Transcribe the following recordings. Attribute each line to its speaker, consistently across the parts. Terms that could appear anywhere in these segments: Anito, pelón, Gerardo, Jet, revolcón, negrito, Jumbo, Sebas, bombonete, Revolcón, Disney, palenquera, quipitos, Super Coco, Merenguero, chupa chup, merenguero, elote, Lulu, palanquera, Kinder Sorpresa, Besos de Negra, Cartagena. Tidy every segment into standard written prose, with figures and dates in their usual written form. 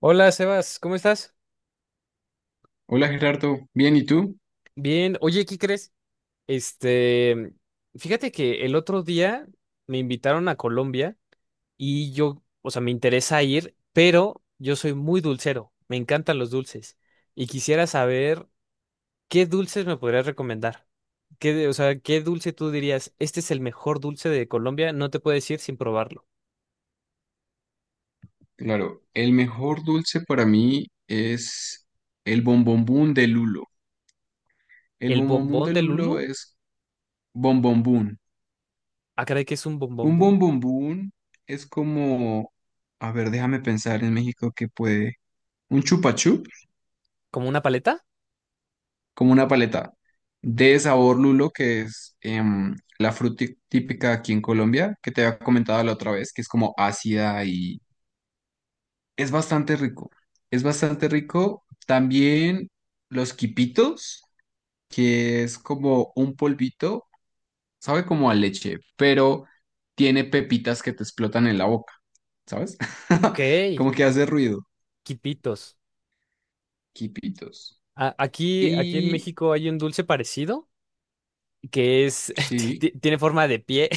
Speaker 1: Hola, Sebas, ¿cómo estás?
Speaker 2: Hola Gerardo, bien, ¿y tú?
Speaker 1: Bien. Oye, ¿qué crees? Este, Fíjate que el otro día me invitaron a Colombia y yo, o sea, me interesa ir, pero yo soy muy dulcero, me encantan los dulces y quisiera saber qué dulces me podrías recomendar. Qué, o sea, qué dulce tú dirías, este es el mejor dulce de Colombia, no te puedes ir sin probarlo.
Speaker 2: Claro, el mejor dulce para mí es el bombombón de lulo. El
Speaker 1: ¿El
Speaker 2: bombombón
Speaker 1: bombón
Speaker 2: de
Speaker 1: de
Speaker 2: lulo
Speaker 1: Lulu?
Speaker 2: es bombombón.
Speaker 1: Ah, caray, que es un bombón,
Speaker 2: Un
Speaker 1: boom.
Speaker 2: bombombón es como, a ver, déjame pensar en México que puede, un chupa chup,
Speaker 1: ¿Como una paleta?
Speaker 2: como una paleta de sabor lulo que es la fruta típica aquí en Colombia, que te había comentado la otra vez, que es como ácida. Es bastante rico, es bastante rico. También los quipitos, que es como un polvito, sabe como a leche, pero tiene pepitas que te explotan en la boca, ¿sabes?
Speaker 1: Ok,
Speaker 2: Como que hace ruido,
Speaker 1: quipitos.
Speaker 2: quipitos.
Speaker 1: Aquí en
Speaker 2: Y
Speaker 1: México hay un dulce parecido que es,
Speaker 2: sí,
Speaker 1: tiene forma de pie.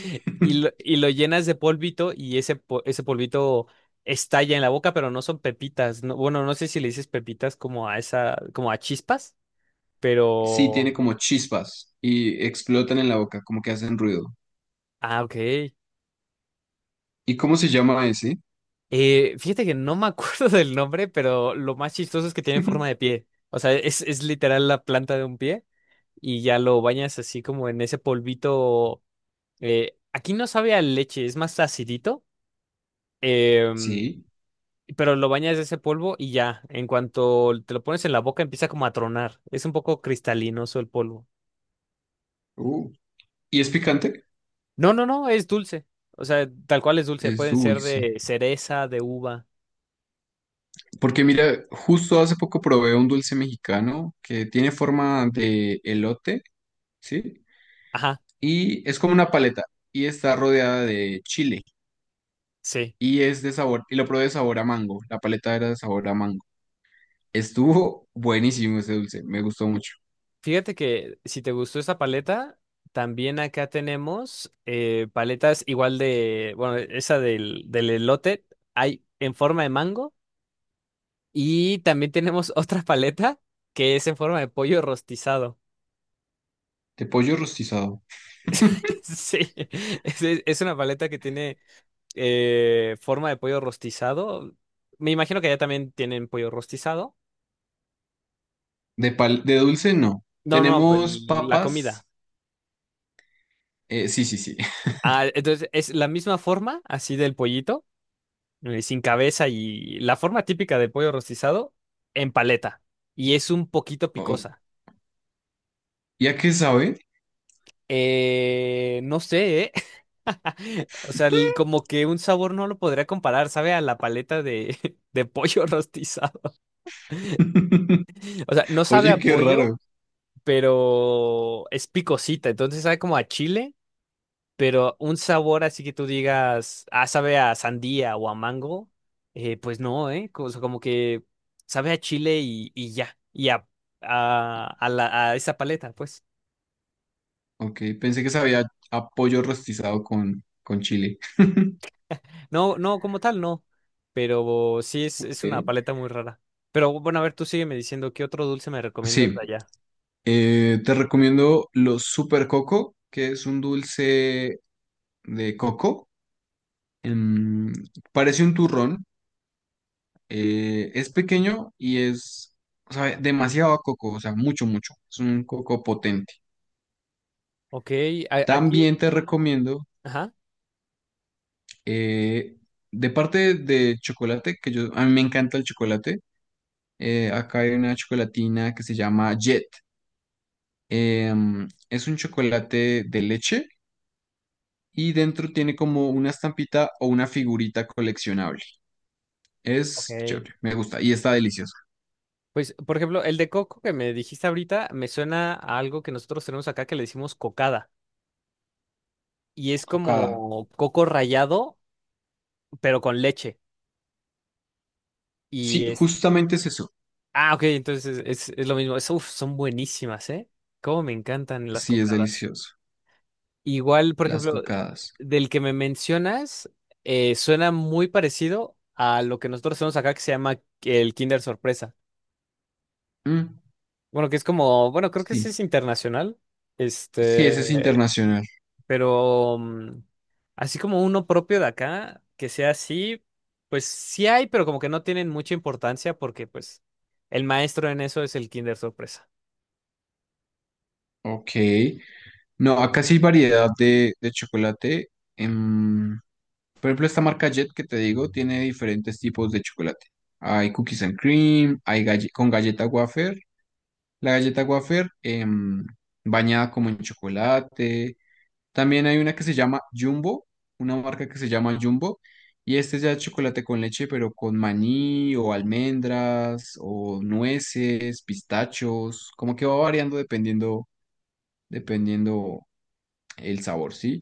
Speaker 1: Y lo, y lo llenas de polvito y ese polvito estalla en la boca, pero no son pepitas. No, bueno, no sé si le dices pepitas como a esa, como a chispas,
Speaker 2: sí,
Speaker 1: pero.
Speaker 2: tiene como chispas y explotan en la boca, como que hacen ruido.
Speaker 1: Ah, ok.
Speaker 2: ¿Y cómo se llama ese?
Speaker 1: Fíjate que no me acuerdo del nombre, pero lo más chistoso es que tiene forma de pie. O sea, es literal la planta de un pie y ya lo bañas así como en ese polvito. Aquí no sabe a leche, es más acidito, em,
Speaker 2: Sí.
Speaker 1: pero lo bañas de ese polvo y ya, en cuanto te lo pones en la boca empieza como a tronar, es un poco cristalinoso el polvo.
Speaker 2: Uh. ¿Y es picante?
Speaker 1: No, no, no, es dulce, o sea, tal cual es dulce,
Speaker 2: Es
Speaker 1: pueden ser
Speaker 2: dulce.
Speaker 1: de cereza, de uva,
Speaker 2: Porque mira, justo hace poco probé un dulce mexicano que tiene forma de elote, ¿sí?
Speaker 1: ajá,
Speaker 2: Y es como una paleta y está rodeada de chile
Speaker 1: sí.
Speaker 2: y es de sabor, y lo probé de sabor a mango, la paleta era de sabor a mango. Estuvo buenísimo ese dulce, me gustó mucho.
Speaker 1: Fíjate que si te gustó esta paleta, también acá tenemos paletas igual de, bueno, esa del elote, hay en forma de mango. Y también tenemos otra paleta que es en forma de pollo rostizado.
Speaker 2: De pollo rostizado.
Speaker 1: Sí, es una paleta que tiene forma de pollo rostizado. Me imagino que allá también tienen pollo rostizado.
Speaker 2: De, de dulce no.
Speaker 1: No, no,
Speaker 2: Tenemos
Speaker 1: la comida.
Speaker 2: papas, sí, sí, sí.
Speaker 1: Ah, entonces es la misma forma, así del pollito, sin cabeza y la forma típica del pollo rostizado en paleta. Y es un poquito
Speaker 2: Oh,
Speaker 1: picosa.
Speaker 2: ¿y a qué sabe?
Speaker 1: No sé, ¿eh? O sea, como que un sabor no lo podría comparar, sabe a la paleta de, de pollo rostizado. O sea, no sabe a
Speaker 2: Oye, qué
Speaker 1: pollo,
Speaker 2: raro.
Speaker 1: pero es picosita, entonces sabe como a chile, pero un sabor así que tú digas, ah, sabe a sandía o a mango, pues no, ¿eh? O sea, como que sabe a chile y ya, y a esa paleta, pues.
Speaker 2: Ok, pensé que sabía a pollo rostizado con chile.
Speaker 1: No, no, como tal, no. Pero sí es una
Speaker 2: Ok.
Speaker 1: paleta muy rara. Pero bueno, a ver, tú sígueme diciendo qué otro dulce me recomiendas
Speaker 2: Sí,
Speaker 1: de allá.
Speaker 2: te recomiendo los Super Coco, que es un dulce de coco. Em, parece un turrón, es pequeño y es, sabe demasiado a coco, o sea, mucho, mucho. Es un coco potente.
Speaker 1: Ok, aquí.
Speaker 2: También te recomiendo,
Speaker 1: Ajá.
Speaker 2: eh, de parte de chocolate, que a mí me encanta el chocolate. Eh, acá hay una chocolatina que se llama Jet. Es un chocolate de leche y dentro tiene como una estampita o una figurita coleccionable. Es
Speaker 1: Ok.
Speaker 2: chévere, me gusta y está delicioso.
Speaker 1: Pues, por ejemplo, el de coco que me dijiste ahorita me suena a algo que nosotros tenemos acá que le decimos cocada. Y es
Speaker 2: Cocada.
Speaker 1: como coco rallado, pero con leche. Y
Speaker 2: Sí,
Speaker 1: es.
Speaker 2: justamente es eso.
Speaker 1: Ah, ok, entonces es lo mismo. Uf, son buenísimas, ¿eh? Cómo me encantan las
Speaker 2: Sí, es
Speaker 1: cocadas.
Speaker 2: delicioso.
Speaker 1: Igual, por
Speaker 2: Las
Speaker 1: ejemplo,
Speaker 2: cocadas.
Speaker 1: del que me mencionas, suena muy parecido a lo que nosotros hacemos acá que se llama el Kinder Sorpresa.
Speaker 2: Mm,
Speaker 1: Bueno, que es como, bueno, creo que sí
Speaker 2: sí,
Speaker 1: es internacional,
Speaker 2: sí, ese es
Speaker 1: este,
Speaker 2: internacional.
Speaker 1: pero así como uno propio de acá, que sea así, pues sí hay, pero como que no tienen mucha importancia porque pues el maestro en eso es el Kinder Sorpresa.
Speaker 2: Ok. No, acá sí hay variedad de chocolate. Em, por ejemplo, esta marca Jet que te digo tiene diferentes tipos de chocolate. Hay cookies and cream, hay con galleta wafer. La galleta wafer bañada como en chocolate. También hay una que se llama Jumbo, una marca que se llama Jumbo, y este ya es chocolate con leche, pero con maní o almendras o nueces, pistachos, como que va variando dependiendo, dependiendo el sabor, ¿sí?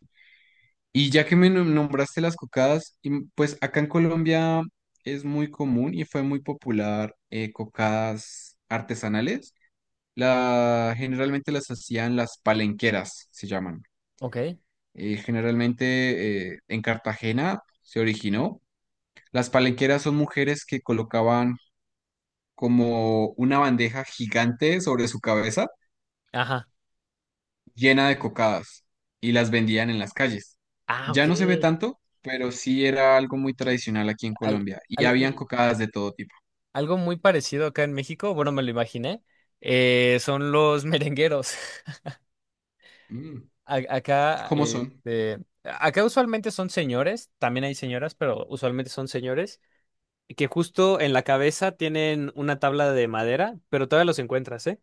Speaker 2: Y ya que me nombraste las cocadas, y pues acá en Colombia es muy común y fue muy popular, cocadas artesanales. Generalmente las hacían las palenqueras, se llaman.
Speaker 1: Ok.
Speaker 2: Generalmente en Cartagena se originó. Las palenqueras son mujeres que colocaban como una bandeja gigante sobre su cabeza
Speaker 1: Ajá.
Speaker 2: llena de cocadas y las vendían en las calles.
Speaker 1: Ah,
Speaker 2: Ya
Speaker 1: ok.
Speaker 2: no se ve tanto, pero sí era algo muy tradicional aquí en
Speaker 1: Al-
Speaker 2: Colombia y
Speaker 1: al-
Speaker 2: habían
Speaker 1: al-
Speaker 2: cocadas de todo tipo.
Speaker 1: Algo muy parecido acá en México, bueno, me lo imaginé, son los merengueros.
Speaker 2: Mm,
Speaker 1: A- Acá,
Speaker 2: ¿cómo
Speaker 1: eh,
Speaker 2: son?
Speaker 1: eh, acá usualmente son señores, también hay señoras, pero usualmente son señores, que justo en la cabeza tienen una tabla de madera, pero todavía los encuentras, ¿eh?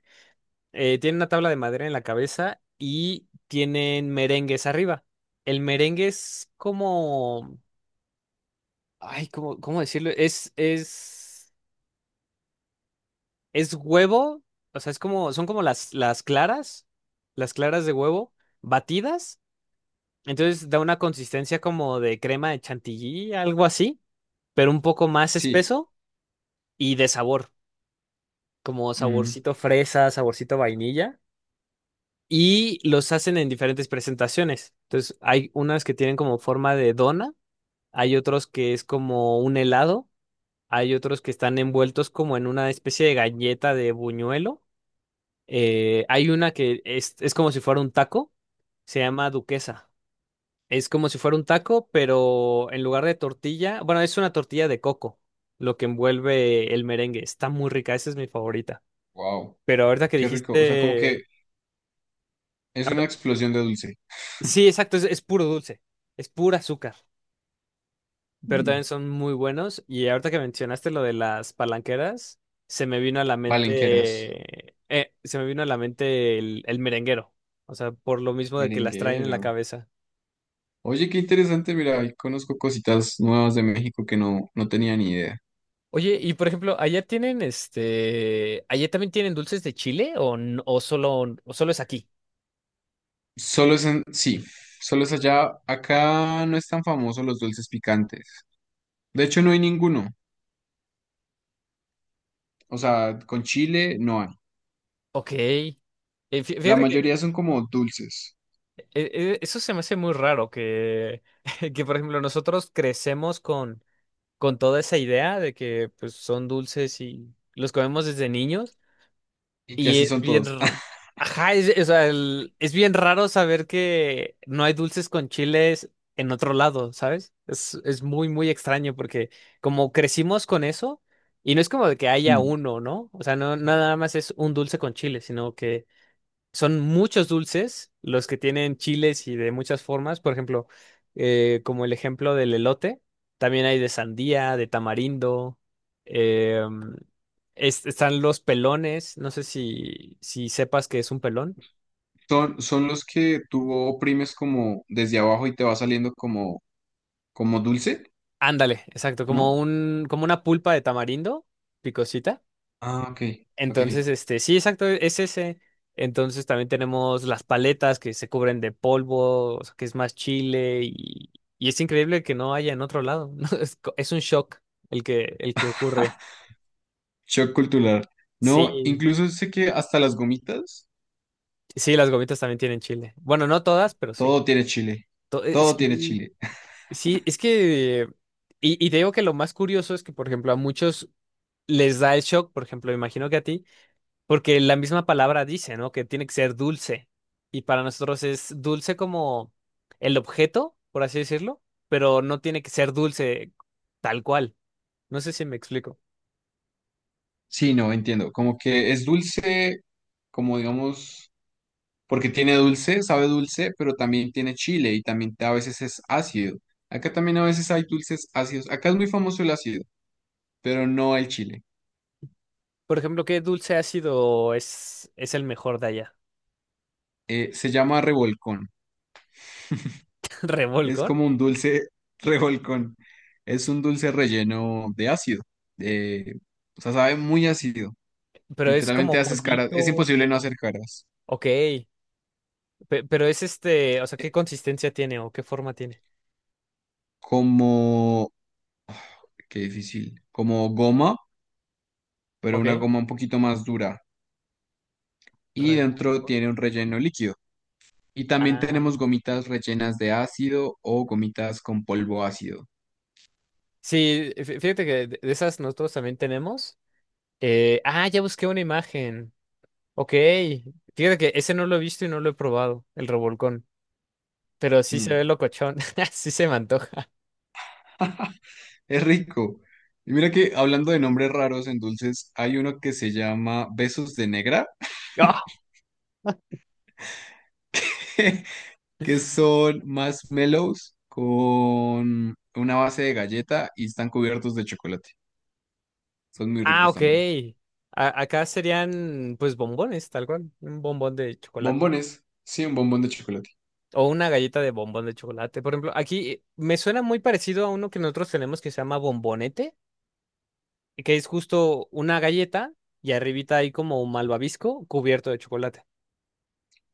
Speaker 1: Tienen una tabla de madera en la cabeza y tienen merengues arriba. El merengue es como, ay, ¿cómo decirlo? Es huevo, o sea, es como, son como las claras de huevo batidas. Entonces da una consistencia como de crema de chantilly, algo así, pero un poco más
Speaker 2: Sí.
Speaker 1: espeso y de sabor, como saborcito fresa, saborcito vainilla. Y los hacen en diferentes presentaciones. Entonces hay unas que tienen como forma de dona, hay otros que es como un helado, hay otros que están envueltos como en una especie de galleta de buñuelo. Hay una que es como si fuera un taco, se llama duquesa. Es como si fuera un taco, pero en lugar de tortilla, bueno, es una tortilla de coco, lo que envuelve el merengue. Está muy rica, esa es mi favorita.
Speaker 2: Wow,
Speaker 1: Pero ahorita que
Speaker 2: qué rico. O sea, como que
Speaker 1: dijiste…
Speaker 2: es una
Speaker 1: ahorita-
Speaker 2: explosión de dulce.
Speaker 1: Sí, exacto, es puro dulce, es pura azúcar, pero también
Speaker 2: Mm.
Speaker 1: son muy buenos. Y ahorita que mencionaste lo de las palanqueras,
Speaker 2: Palenqueras.
Speaker 1: se me vino a la mente el merenguero, o sea, por lo mismo de que las traen en la
Speaker 2: Merenguero.
Speaker 1: cabeza.
Speaker 2: Oye, qué interesante, mira, ahí conozco cositas nuevas de México que no, no tenía ni idea.
Speaker 1: Oye, y por ejemplo, allá tienen allá también tienen dulces de chile o, o solo es aquí.
Speaker 2: Solo es en, sí, solo es allá, acá no es tan famoso los dulces picantes. De hecho, no hay ninguno. O sea, con chile no hay.
Speaker 1: Ok.
Speaker 2: La
Speaker 1: Fíjate que
Speaker 2: mayoría son como dulces
Speaker 1: eh, eso se me hace muy raro que, que por ejemplo nosotros crecemos con, toda esa idea de que pues son dulces y los comemos desde niños.
Speaker 2: y que
Speaker 1: Y
Speaker 2: así
Speaker 1: es
Speaker 2: son
Speaker 1: bien,
Speaker 2: todos.
Speaker 1: ajá, es, o sea, es bien raro saber que no hay dulces con chiles en otro lado, ¿sabes? Es muy, muy extraño porque como crecimos con eso, y no es como de que haya
Speaker 2: Mm.
Speaker 1: uno, ¿no? O sea, no nada más es un dulce con chile, sino que son muchos dulces los que tienen chiles y de muchas formas. Por ejemplo, como el ejemplo del elote, también hay de sandía, de tamarindo. eh, Están los pelones. No sé si sepas que es un pelón.
Speaker 2: Son, son los que tú oprimes como desde abajo y te va saliendo como, como dulce,
Speaker 1: Ándale, exacto, como
Speaker 2: ¿no?
Speaker 1: un, como una pulpa de tamarindo, picosita.
Speaker 2: Ah, ok, ok.
Speaker 1: Entonces, sí, exacto, es ese. Entonces también tenemos las paletas que se cubren de polvo, o sea, que es más chile y es increíble que no haya en otro lado. ¿No? Es un shock el que ocurre.
Speaker 2: Shock cultural. No,
Speaker 1: Sí,
Speaker 2: incluso sé que hasta las gomitas.
Speaker 1: sí, las gomitas también tienen chile. Bueno, no todas, pero sí.
Speaker 2: Todo tiene chile, todo tiene
Speaker 1: Sí,
Speaker 2: chile.
Speaker 1: sí, es que… Y te digo que lo más curioso es que, por ejemplo, a muchos les da el shock, por ejemplo, imagino que a ti. Porque la misma palabra dice, ¿no? Que tiene que ser dulce. Y para nosotros es dulce como el objeto, por así decirlo, pero no tiene que ser dulce tal cual. No sé si me explico.
Speaker 2: Sí, no, entiendo. Como que es dulce, como digamos, porque tiene dulce, sabe dulce, pero también tiene chile y también a veces es ácido. Acá también a veces hay dulces ácidos. Acá es muy famoso el ácido, pero no el chile.
Speaker 1: Por ejemplo, ¿qué dulce ácido es el mejor de allá?
Speaker 2: Se llama revolcón. Es
Speaker 1: ¿Revolcón?
Speaker 2: como un dulce revolcón. Es un dulce relleno de ácido. Eh, o sea, sabe muy ácido.
Speaker 1: Pero es como
Speaker 2: Literalmente haces caras. Es
Speaker 1: polvito,
Speaker 2: imposible no
Speaker 1: como…
Speaker 2: hacer caras.
Speaker 1: Ok, pero es o sea,
Speaker 2: Eh,
Speaker 1: ¿qué consistencia tiene o qué forma tiene?
Speaker 2: como, qué difícil. Como goma, pero una
Speaker 1: Ok,
Speaker 2: goma un poquito más dura. Y dentro
Speaker 1: revolcón.
Speaker 2: tiene un relleno líquido. Y también
Speaker 1: Ah,
Speaker 2: tenemos gomitas rellenas de ácido o gomitas con polvo ácido.
Speaker 1: sí, fíjate que de esas nosotros también tenemos. Ah, ya busqué una imagen. Ok. Fíjate que ese no lo he visto y no lo he probado, el revolcón. Pero sí se
Speaker 2: Mm.
Speaker 1: ve locochón. Sí se me antoja.
Speaker 2: Es rico. Y mira que hablando de nombres raros en dulces, hay uno que se llama Besos de Negra,
Speaker 1: ¡Ah!
Speaker 2: que son marshmallows con una base de galleta y están cubiertos de chocolate. Son muy
Speaker 1: Ah,
Speaker 2: ricos
Speaker 1: ok.
Speaker 2: también.
Speaker 1: Acá serían, pues, bombones, tal cual. Un bombón de chocolate.
Speaker 2: Bombones. Sí, un bombón de chocolate.
Speaker 1: O una galleta de bombón de chocolate. Por ejemplo, aquí me suena muy parecido a uno que nosotros tenemos que se llama bombonete, que es justo una galleta y arribita hay como un malvavisco cubierto de chocolate.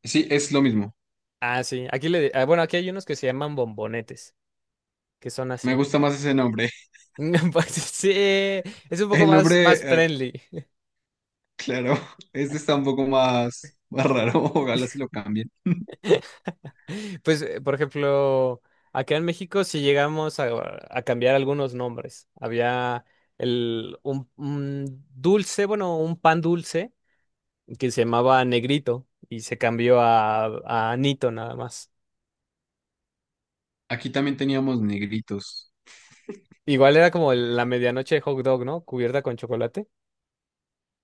Speaker 2: Sí, es lo mismo.
Speaker 1: Ah, sí. Aquí le, ah, bueno, aquí hay unos que se llaman bombonetes, que son
Speaker 2: Me
Speaker 1: así.
Speaker 2: gusta más ese nombre.
Speaker 1: Pues sí, es un poco
Speaker 2: El
Speaker 1: más,
Speaker 2: nombre,
Speaker 1: más friendly.
Speaker 2: claro, este está un poco más, más raro, ojalá se lo cambien.
Speaker 1: Pues, por ejemplo, acá en México sí llegamos a, cambiar algunos nombres. Había un dulce, bueno, un pan dulce que se llamaba Negrito y se cambió a Anito nada más.
Speaker 2: Aquí también teníamos negritos.
Speaker 1: Igual era como la medianoche de hot dog, ¿no? Cubierta con chocolate.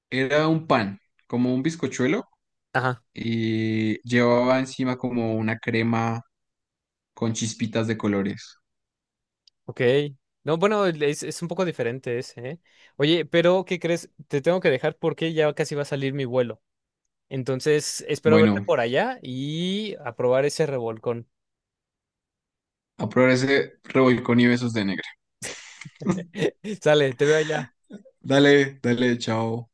Speaker 2: Era un pan, como un bizcochuelo,
Speaker 1: Ajá,
Speaker 2: y llevaba encima como una crema con chispitas de colores.
Speaker 1: ok. No, bueno, es un poco diferente ese, ¿eh? Oye, pero ¿qué crees? Te tengo que dejar porque ya casi va a salir mi vuelo. Entonces, espero verte
Speaker 2: Bueno,
Speaker 1: por allá y aprobar ese revolcón.
Speaker 2: a probar ese revolcón y besos de negra.
Speaker 1: Sale, te veo allá.
Speaker 2: Dale, dale, chao.